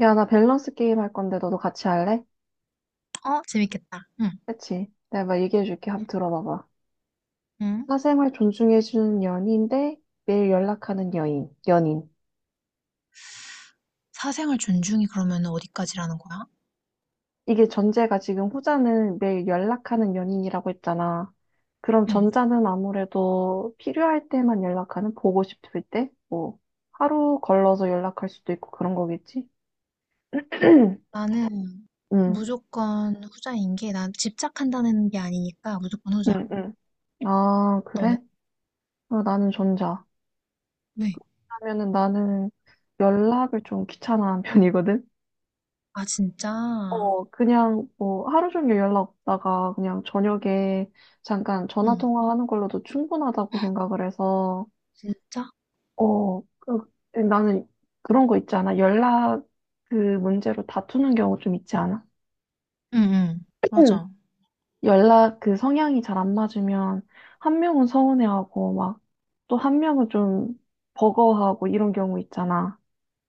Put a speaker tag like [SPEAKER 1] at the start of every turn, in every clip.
[SPEAKER 1] 야, 나 밸런스 게임 할 건데 너도 같이 할래?
[SPEAKER 2] 어, 재밌겠다. 응.
[SPEAKER 1] 그치? 내가 막 얘기해 줄게. 한번 들어봐봐.
[SPEAKER 2] 응.
[SPEAKER 1] 사생활 존중해 주는 연인 대 매일 연락하는 연인.
[SPEAKER 2] 사생활 존중이 그러면 어디까지라는 거야?
[SPEAKER 1] 이게 전제가 지금 후자는 매일 연락하는 연인이라고 했잖아. 그럼
[SPEAKER 2] 응.
[SPEAKER 1] 전자는 아무래도 필요할 때만 연락하는, 보고 싶을 때? 뭐, 하루 걸러서 연락할 수도 있고 그런 거겠지? 응,
[SPEAKER 2] 나는
[SPEAKER 1] 응,
[SPEAKER 2] 무조건 후자인 게, 난 집착한다는 게 아니니까 무조건 후자.
[SPEAKER 1] 응. 아,
[SPEAKER 2] 너는?
[SPEAKER 1] 그래? 아, 나는 전자.
[SPEAKER 2] 왜?
[SPEAKER 1] 왜냐면은 나는 연락을 좀 귀찮아하는 편이거든?
[SPEAKER 2] 아, 진짜?
[SPEAKER 1] 그냥 뭐 하루 종일 연락 없다가 그냥 저녁에 잠깐 전화
[SPEAKER 2] 응.
[SPEAKER 1] 통화하는 걸로도 충분하다고 생각을 해서,
[SPEAKER 2] 진짜?
[SPEAKER 1] 어, 나는 그런 거 있지 않아? 연락 그 문제로 다투는 경우 좀 있지 않아?
[SPEAKER 2] 응, 응. 맞아.
[SPEAKER 1] 연락 그 성향이 잘 안 맞으면 한 명은 서운해하고 막 또 한 명은 좀 버거워하고 이런 경우 있잖아.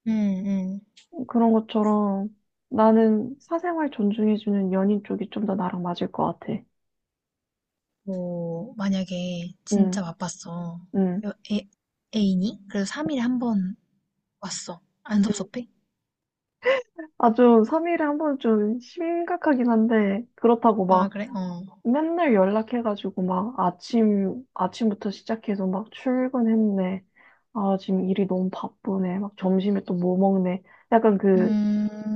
[SPEAKER 2] 응, 응.
[SPEAKER 1] 그런 것처럼 나는 사생활 존중해주는 연인 쪽이 좀 더 나랑 맞을 것 같아.
[SPEAKER 2] 뭐, 만약에
[SPEAKER 1] 응,
[SPEAKER 2] 진짜 바빴어.
[SPEAKER 1] 응.
[SPEAKER 2] 여- 애, 애인이? 그래도 3일에 한 번 왔어. 안
[SPEAKER 1] 응.
[SPEAKER 2] 섭섭해?
[SPEAKER 1] 아주 3일에 한 번 좀 심각하긴 한데, 그렇다고
[SPEAKER 2] 아,
[SPEAKER 1] 막
[SPEAKER 2] 그래? 어.
[SPEAKER 1] 맨날 연락해가지고 막 아침부터 시작해서 막 출근했네. 아, 지금 일이 너무 바쁘네. 막 점심에 또 뭐 먹네. 약간 그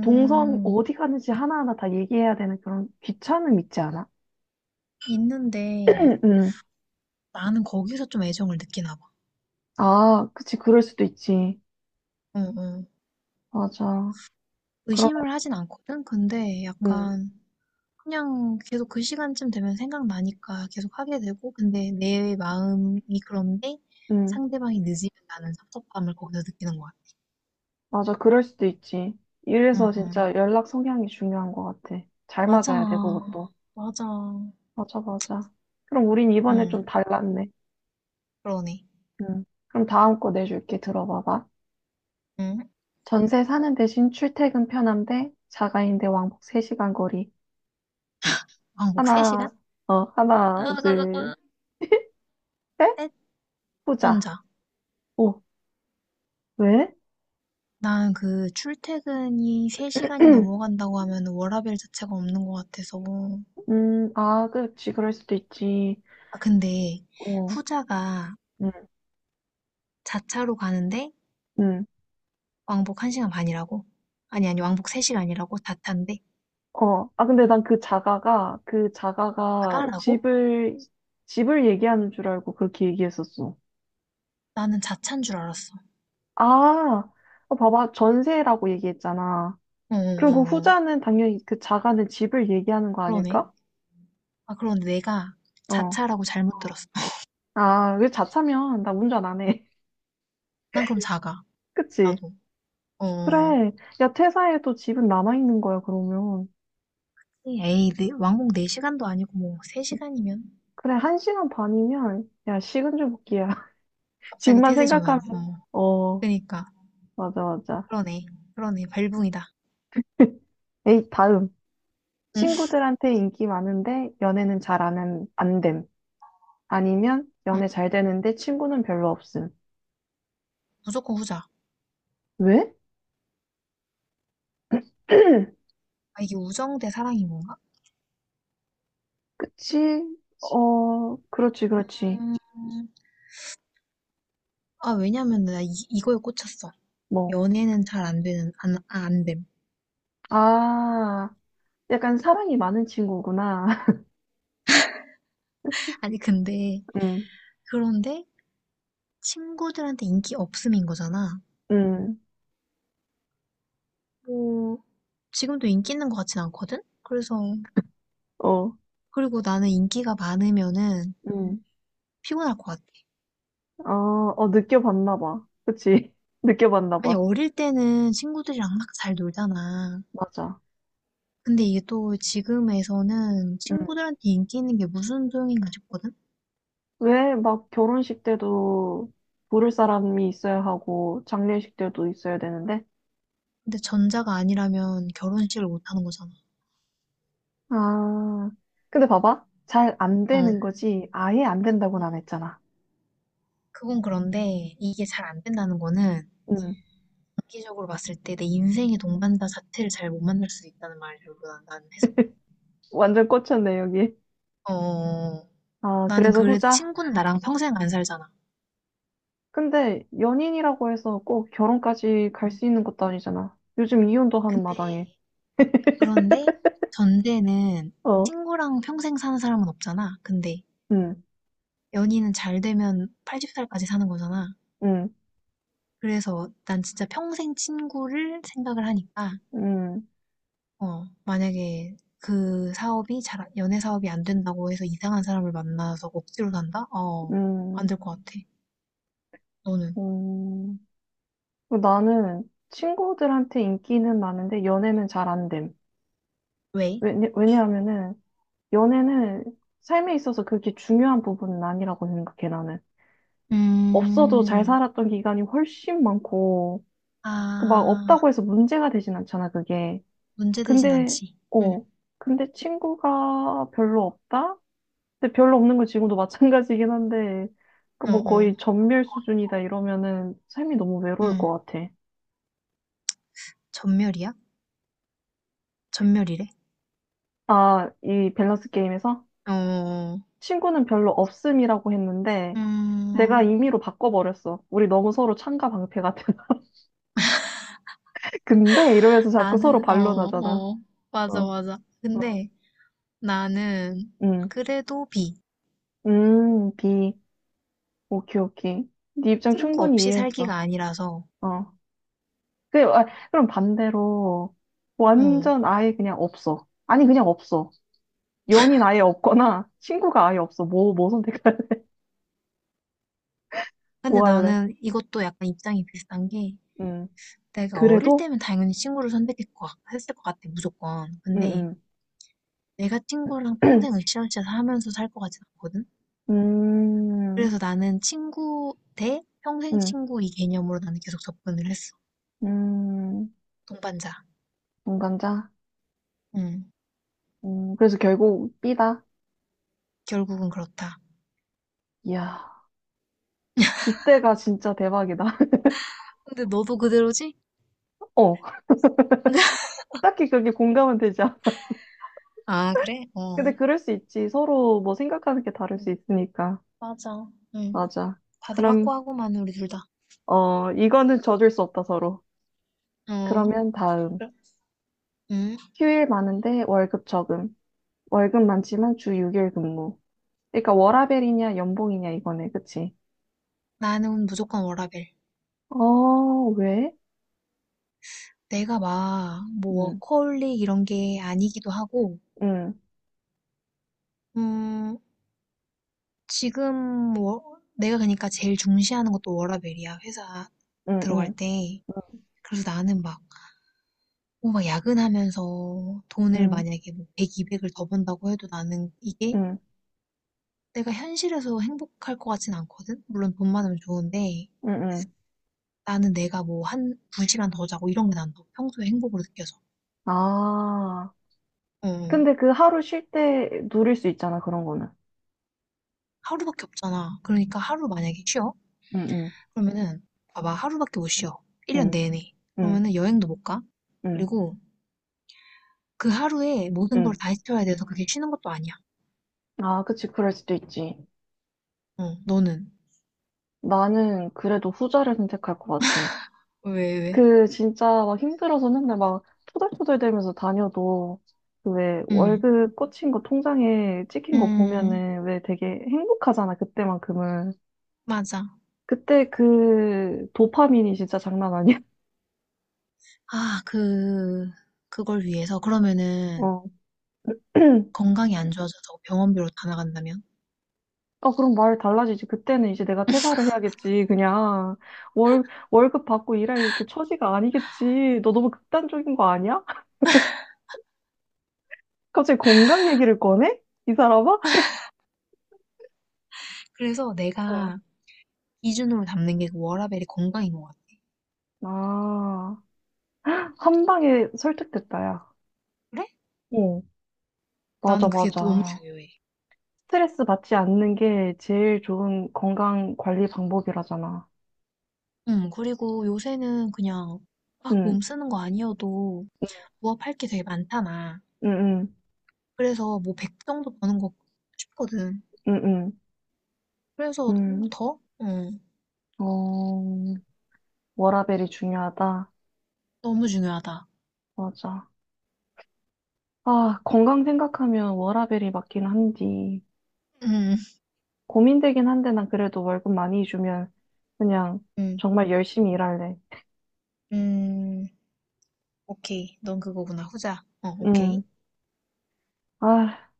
[SPEAKER 1] 동선 어디 가는지 하나하나 다 얘기해야 되는 그런 귀찮음 있지 않아?
[SPEAKER 2] 있는데,
[SPEAKER 1] 응, 응.
[SPEAKER 2] 나는 거기서 좀 애정을 느끼나 봐.
[SPEAKER 1] 아, 그치. 그럴 수도 있지.
[SPEAKER 2] 응, 응.
[SPEAKER 1] 맞아. 그러면,
[SPEAKER 2] 의심을 하진 않거든? 근데
[SPEAKER 1] 응,
[SPEAKER 2] 약간 그냥 계속 그 시간쯤 되면 생각나니까 계속 하게 되고, 근데 내 마음이 그런데
[SPEAKER 1] 응.
[SPEAKER 2] 상대방이 늦으면 나는 섭섭함을 거기서 느끼는 거야.
[SPEAKER 1] 맞아. 그럴 수도 있지.
[SPEAKER 2] 응,
[SPEAKER 1] 이래서 진짜 연락 성향이 중요한 것 같아. 잘
[SPEAKER 2] 맞아.
[SPEAKER 1] 맞아야 돼, 그것도.
[SPEAKER 2] 맞아.
[SPEAKER 1] 맞아, 맞아. 그럼 우린 이번에 좀
[SPEAKER 2] 응,
[SPEAKER 1] 달랐네.
[SPEAKER 2] 그러네.
[SPEAKER 1] 음. 그럼 다음 거 내줄게. 들어봐봐.
[SPEAKER 2] 응?
[SPEAKER 1] 전세 사는 대신 출퇴근 편한데 자가인데 왕복 3시간 거리.
[SPEAKER 2] 왕복
[SPEAKER 1] 하나,
[SPEAKER 2] 3시간?
[SPEAKER 1] 어,
[SPEAKER 2] 아,
[SPEAKER 1] 하나,
[SPEAKER 2] 잠깐,
[SPEAKER 1] 둘,
[SPEAKER 2] 잠깐.
[SPEAKER 1] 셋?
[SPEAKER 2] 셋,
[SPEAKER 1] 보자.
[SPEAKER 2] 전자.
[SPEAKER 1] 오, 왜?
[SPEAKER 2] 난 그 출퇴근이 3시간이 넘어간다고 하면 워라밸 자체가 없는 것 같아서.
[SPEAKER 1] 아, 그렇지. 그럴 수도 있지.
[SPEAKER 2] 아, 근데
[SPEAKER 1] 어,
[SPEAKER 2] 후자가
[SPEAKER 1] 음,
[SPEAKER 2] 자차로 가는데
[SPEAKER 1] 음.
[SPEAKER 2] 왕복 1시간 반이라고? 아니, 아니, 왕복 3시간이라고? 자차인데?
[SPEAKER 1] 어, 아, 근데 난 그 자가가
[SPEAKER 2] 자가라고?
[SPEAKER 1] 집을 얘기하는 줄 알고 그렇게 얘기했었어.
[SPEAKER 2] 나는 자차인 줄 알았어.
[SPEAKER 1] 아, 어, 봐봐. 전세라고 얘기했잖아.
[SPEAKER 2] 어, 어,
[SPEAKER 1] 그리고
[SPEAKER 2] 어, 어.
[SPEAKER 1] 후자는 당연히 그 자가는 집을 얘기하는 거
[SPEAKER 2] 그러네.
[SPEAKER 1] 아닐까?
[SPEAKER 2] 아, 그런데 내가
[SPEAKER 1] 어.
[SPEAKER 2] 자차라고 잘못 들었어.
[SPEAKER 1] 아, 왜 자차면 나 운전 안 해.
[SPEAKER 2] 난 그럼 자가.
[SPEAKER 1] 그치?
[SPEAKER 2] 나도. 어, 어.
[SPEAKER 1] 그래. 야, 퇴사해도 집은 남아있는 거야, 그러면.
[SPEAKER 2] 에이, 네, 왕복 4시간도 아니고 뭐 3시간이면?
[SPEAKER 1] 그래, 한 시간 반이면, 야, 식은 죽 먹기야.
[SPEAKER 2] 갑자기
[SPEAKER 1] 집만
[SPEAKER 2] 태세 전환.
[SPEAKER 1] 생각하면,
[SPEAKER 2] 어,
[SPEAKER 1] 어,
[SPEAKER 2] 그니까.
[SPEAKER 1] 맞아, 맞아.
[SPEAKER 2] 그러네. 그러네. 발붕이다
[SPEAKER 1] 에이, 다음.
[SPEAKER 2] 응,
[SPEAKER 1] 친구들한테 인기 많은데 연애는 잘 안 됨. 아니면 연애 잘 되는데 친구는 별로 없음.
[SPEAKER 2] 무조건 후자.
[SPEAKER 1] 왜?
[SPEAKER 2] 아, 이게 우정 대 사랑인 건가?
[SPEAKER 1] 그치? 어, 그렇지, 그렇지.
[SPEAKER 2] 음, 아, 왜냐면 나 이거에 꽂혔어.
[SPEAKER 1] 뭐,
[SPEAKER 2] 연애는 잘 안 되는 안 됨.
[SPEAKER 1] 아, 약간 사랑이 많은 친구구나.
[SPEAKER 2] 아니 근데
[SPEAKER 1] 응,
[SPEAKER 2] 그런데 친구들한테 인기 없음인 거잖아.
[SPEAKER 1] 응,
[SPEAKER 2] 뭐 지금도 인기 있는 것 같진 않거든. 그래서
[SPEAKER 1] 어,
[SPEAKER 2] 그리고 나는 인기가 많으면은
[SPEAKER 1] 응,
[SPEAKER 2] 피곤할 것 같아.
[SPEAKER 1] 어, 어, 느껴봤나 봐. 그치? 느껴봤나
[SPEAKER 2] 아니
[SPEAKER 1] 봐.
[SPEAKER 2] 어릴 때는 친구들이랑 막 잘 놀잖아.
[SPEAKER 1] 맞아.
[SPEAKER 2] 근데 이게 또 지금에서는
[SPEAKER 1] 응.
[SPEAKER 2] 친구들한테 인기 있는 게 무슨 소용인가 싶거든.
[SPEAKER 1] 왜 막 결혼식 때도 부를 사람이 있어야 하고, 장례식 때도 있어야 되는데?
[SPEAKER 2] 근데 전자가 아니라면 결혼식을 못 하는 거잖아.
[SPEAKER 1] 아, 근데 봐봐. 잘 안
[SPEAKER 2] 어.
[SPEAKER 1] 되는 거지. 아예 안
[SPEAKER 2] 음,
[SPEAKER 1] 된다고는 안 했잖아.
[SPEAKER 2] 그건 그런데 이게 잘 안 된다는 거는
[SPEAKER 1] 응.
[SPEAKER 2] 장기적으로 봤을 때 내 인생의 동반자 자체를 잘 못 만날 수도 있다는 말로는 나는 해석이
[SPEAKER 1] 완전 꽂혔네, 여기.
[SPEAKER 2] 어,
[SPEAKER 1] 아,
[SPEAKER 2] 나는
[SPEAKER 1] 그래서
[SPEAKER 2] 그래,
[SPEAKER 1] 후자?
[SPEAKER 2] 친구는 나랑 평생 안 살잖아.
[SPEAKER 1] 근데 연인이라고 해서 꼭 결혼까지 갈
[SPEAKER 2] 응.
[SPEAKER 1] 수 있는 것도 아니잖아. 요즘 이혼도 하는
[SPEAKER 2] 근데,
[SPEAKER 1] 마당에.
[SPEAKER 2] 그런데 전제는
[SPEAKER 1] 어,
[SPEAKER 2] 친구랑 평생 사는 사람은 없잖아. 근데
[SPEAKER 1] 응,
[SPEAKER 2] 연인은 잘 되면 80살까지 사는 거잖아.
[SPEAKER 1] 응,
[SPEAKER 2] 그래서 난 진짜 평생 친구를 생각을 하니까,
[SPEAKER 1] 응,
[SPEAKER 2] 만약에 그 연애 사업이 안 된다고 해서 이상한 사람을 만나서 억지로 산다? 어, 안
[SPEAKER 1] 응,
[SPEAKER 2] 될 것 같아. 너는?
[SPEAKER 1] 응. 그리고 나는 친구들한테 인기는 많은데 연애는 잘 안 됨.
[SPEAKER 2] 왜?
[SPEAKER 1] 왜냐하면은 연애는 삶에 있어서 그렇게 중요한 부분은 아니라고 생각해, 나는. 없어도 잘
[SPEAKER 2] 음,
[SPEAKER 1] 살았던 기간이 훨씬 많고, 그 막
[SPEAKER 2] 아,
[SPEAKER 1] 없다고 해서 문제가 되진 않잖아, 그게.
[SPEAKER 2] 문제되진
[SPEAKER 1] 근데,
[SPEAKER 2] 않지. 응,
[SPEAKER 1] 어, 근데 친구가 별로 없다? 근데 별로 없는 건 지금도 마찬가지긴 한데, 그
[SPEAKER 2] 어,
[SPEAKER 1] 뭐
[SPEAKER 2] 어,
[SPEAKER 1] 거의 전멸 수준이다 이러면은 삶이 너무 외로울
[SPEAKER 2] 응.
[SPEAKER 1] 것 같아.
[SPEAKER 2] 전멸이야? 전멸이래?
[SPEAKER 1] 아, 이 밸런스 게임에서
[SPEAKER 2] 어.
[SPEAKER 1] 친구는 별로 없음이라고 했는데, 내가
[SPEAKER 2] 음,
[SPEAKER 1] 임의로 바꿔버렸어. 우리 너무 서로 창가 방패 같아. 근데 이러면서 자꾸 서로
[SPEAKER 2] 나는,
[SPEAKER 1] 반론하잖아.
[SPEAKER 2] 어,
[SPEAKER 1] 어,
[SPEAKER 2] 맞아, 맞아.
[SPEAKER 1] 어,
[SPEAKER 2] 근데 나는
[SPEAKER 1] 음,
[SPEAKER 2] 그래도 B.
[SPEAKER 1] B. 오케이, 오케이. 네 입장
[SPEAKER 2] 친구
[SPEAKER 1] 충분히
[SPEAKER 2] 없이 살기가
[SPEAKER 1] 이해했어.
[SPEAKER 2] 아니라서,
[SPEAKER 1] 어. 그, 아, 그럼 반대로
[SPEAKER 2] 어.
[SPEAKER 1] 완전 아예 그냥 없어. 아니 그냥 없어. 연인 아예 없거나 친구가 아예 없어. 뭐, 뭐 선택할래?
[SPEAKER 2] 근데
[SPEAKER 1] 뭐 할래?
[SPEAKER 2] 나는 이것도 약간 입장이 비슷한 게,
[SPEAKER 1] 음.
[SPEAKER 2] 내가 어릴
[SPEAKER 1] 그래도?
[SPEAKER 2] 때면 당연히 친구를 선택했을 것 같, 했을 것 같아, 무조건.
[SPEAKER 1] 음,
[SPEAKER 2] 근데
[SPEAKER 1] 음.
[SPEAKER 2] 내가 친구랑 평생 으쌰으쌰 하면서 살 것 같진 않거든? 그래서
[SPEAKER 1] 음,
[SPEAKER 2] 나는 친구 대 평생
[SPEAKER 1] 음,
[SPEAKER 2] 친구 이 개념으로 나는 계속 접근을 했어.
[SPEAKER 1] 음.
[SPEAKER 2] 동반자.
[SPEAKER 1] 동감자?
[SPEAKER 2] 음,
[SPEAKER 1] 그래서 결국 B다.
[SPEAKER 2] 결국은 그렇다.
[SPEAKER 1] 이야, 주대가 진짜 대박이다.
[SPEAKER 2] 근데 너도 그대로지?
[SPEAKER 1] 어, 딱히 그렇게 공감은 되지 않아.
[SPEAKER 2] 아, 그래? 어.
[SPEAKER 1] 근데 그럴 수 있지. 서로 뭐 생각하는 게 다를 수
[SPEAKER 2] 음,
[SPEAKER 1] 있으니까.
[SPEAKER 2] 맞아. 음.
[SPEAKER 1] 맞아.
[SPEAKER 2] 다들
[SPEAKER 1] 그럼,
[SPEAKER 2] 확고하고만 우리 둘 다.
[SPEAKER 1] 어, 이거는 져줄 수 없다, 서로.
[SPEAKER 2] 어.
[SPEAKER 1] 그러면 다음.
[SPEAKER 2] 그래? 음.
[SPEAKER 1] 휴일 많은데 월급 적음. 월급 많지만 주 6일 근무. 그러니까 워라밸이냐 연봉이냐 이거네. 그치?
[SPEAKER 2] 나는 무조건 워라밸.
[SPEAKER 1] 어, 왜?
[SPEAKER 2] 내가 막, 뭐,
[SPEAKER 1] 응,
[SPEAKER 2] 워커홀릭 이런 게 아니기도 하고,
[SPEAKER 1] 응,
[SPEAKER 2] 음, 지금 내가 그러니까 제일 중시하는 것도 워라밸이야. 회사
[SPEAKER 1] 응,
[SPEAKER 2] 들어갈
[SPEAKER 1] 응,
[SPEAKER 2] 때.
[SPEAKER 1] 응,
[SPEAKER 2] 그래서 나는 막, 뭐 막 야근하면서 돈을
[SPEAKER 1] 응,
[SPEAKER 2] 만약에 뭐 100, 200을 더 번다고 해도 나는 이게
[SPEAKER 1] 응,
[SPEAKER 2] 내가 현실에서 행복할 것 같진 않거든? 물론 돈 많으면 좋은데
[SPEAKER 1] 응. 응.
[SPEAKER 2] 나는 내가 뭐 한 2시간 더 자고 이런 게 난다고 평소에 행복으로 느껴져.
[SPEAKER 1] 아.
[SPEAKER 2] 어. 어.
[SPEAKER 1] 근데 그 하루 쉴 때 누릴 수 있잖아, 그런 거는.
[SPEAKER 2] 하루밖에 없잖아. 그러니까 하루 만약에 쉬어?
[SPEAKER 1] 응, 응,
[SPEAKER 2] 그러면은 봐봐 하루밖에 못 쉬어. 1년
[SPEAKER 1] 응,
[SPEAKER 2] 내내.
[SPEAKER 1] 응,
[SPEAKER 2] 그러면은 여행도 못 가.
[SPEAKER 1] 응,
[SPEAKER 2] 그리고 그 하루에 모든 걸
[SPEAKER 1] 응.
[SPEAKER 2] 다 해쳐야 돼서 그게 쉬는 것도 아니야.
[SPEAKER 1] 아, 그치. 그럴 수도 있지.
[SPEAKER 2] 어, 너는?
[SPEAKER 1] 나는 그래도 후자를 선택할 것 같아.
[SPEAKER 2] 왜, 왜?
[SPEAKER 1] 그 진짜 막 힘들어서 맨날 막 토들토들대면서 다녀도 그 왜
[SPEAKER 2] 응,
[SPEAKER 1] 월급 꽂힌 거 통장에 찍힌 거
[SPEAKER 2] 음,
[SPEAKER 1] 보면은 왜 되게 행복하잖아 그때만큼은.
[SPEAKER 2] 맞아.
[SPEAKER 1] 그때 그 도파민이 진짜 장난 아니야.
[SPEAKER 2] 아 그걸 위해서 그러면은
[SPEAKER 1] 어.
[SPEAKER 2] 건강이 안 좋아져서 병원비로 다 나간다면?
[SPEAKER 1] 어, 그럼 말 달라지지. 그때는 이제 내가 퇴사를 해야겠지. 그냥 월 월급 받고 일할 그 처지가 아니겠지. 너 너무 극단적인 거 아니야? 갑자기 건강 얘기를 꺼내? 이 사람아?
[SPEAKER 2] 그래서
[SPEAKER 1] 어.
[SPEAKER 2] 내가 기준으로 잡는 게 그 워라밸이 건강인 것 같아.
[SPEAKER 1] 아, 한 방에 설득됐다, 야.
[SPEAKER 2] 그래?
[SPEAKER 1] 응, 맞아,
[SPEAKER 2] 나는 그게 너무
[SPEAKER 1] 맞아.
[SPEAKER 2] 중요해.
[SPEAKER 1] 스트레스 받지 않는 게 제일 좋은 건강 관리 방법이라잖아.
[SPEAKER 2] 그리고 요새는 그냥 막
[SPEAKER 1] 응,
[SPEAKER 2] 몸 쓰는 거 아니어도 부업할 게 되게 많잖아.
[SPEAKER 1] 응, 응,
[SPEAKER 2] 그래서 뭐 100 정도 버는 거 싶거든.
[SPEAKER 1] 응, 응,
[SPEAKER 2] 그래서
[SPEAKER 1] 응.
[SPEAKER 2] 더? 응,
[SPEAKER 1] 어, 워라밸이 중요하다.
[SPEAKER 2] 너무 중요하다.
[SPEAKER 1] 맞아. 아, 건강 생각하면 워라밸이 맞긴 한디.
[SPEAKER 2] 음,
[SPEAKER 1] 고민되긴 한데 난 그래도 월급 많이 주면 그냥
[SPEAKER 2] 음,
[SPEAKER 1] 정말 열심히 일할래.
[SPEAKER 2] 음, 오케이. 넌 그거구나. 후자. 어,
[SPEAKER 1] 응.
[SPEAKER 2] 오케이.
[SPEAKER 1] 아,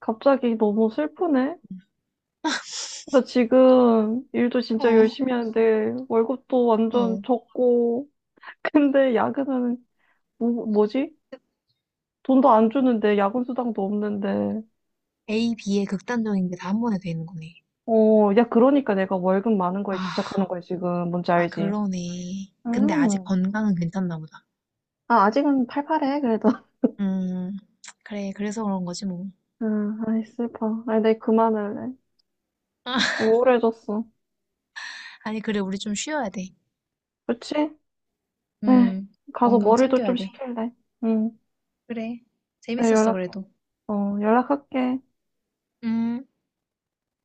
[SPEAKER 1] 갑자기 너무 슬프네. 나 지금 일도 진짜
[SPEAKER 2] 어,
[SPEAKER 1] 열심히 하는데 월급도 완전
[SPEAKER 2] 어.
[SPEAKER 1] 적고, 근데 야근은 뭐지? 돈도 안 주는데 야근 수당도 없는데.
[SPEAKER 2] A, B의 극단적인 게 다 한 번에 되는 거네.
[SPEAKER 1] 어, 야 그러니까 내가 월급 많은 거에
[SPEAKER 2] 아,
[SPEAKER 1] 집착하는 거야 지금. 뭔지
[SPEAKER 2] 아,
[SPEAKER 1] 알지?
[SPEAKER 2] 그러네. 근데 아직
[SPEAKER 1] 음.
[SPEAKER 2] 건강은 괜찮나 보다.
[SPEAKER 1] 아, 아직은 팔팔해 그래도.
[SPEAKER 2] 음, 그래, 그래서 그런 거지, 뭐.
[SPEAKER 1] 아, 아이 슬퍼. 아이 내 그만할래. 우울해졌어.
[SPEAKER 2] 아니, 그래, 우리 좀 쉬어야 돼.
[SPEAKER 1] 그치? 에이,
[SPEAKER 2] 음,
[SPEAKER 1] 가서
[SPEAKER 2] 건강
[SPEAKER 1] 머리도
[SPEAKER 2] 챙겨야
[SPEAKER 1] 좀
[SPEAKER 2] 돼.
[SPEAKER 1] 식힐래. 응.
[SPEAKER 2] 그래,
[SPEAKER 1] 내가
[SPEAKER 2] 재밌었어,
[SPEAKER 1] 연락해.
[SPEAKER 2] 그래도.
[SPEAKER 1] 어, 연락할게.
[SPEAKER 2] 음.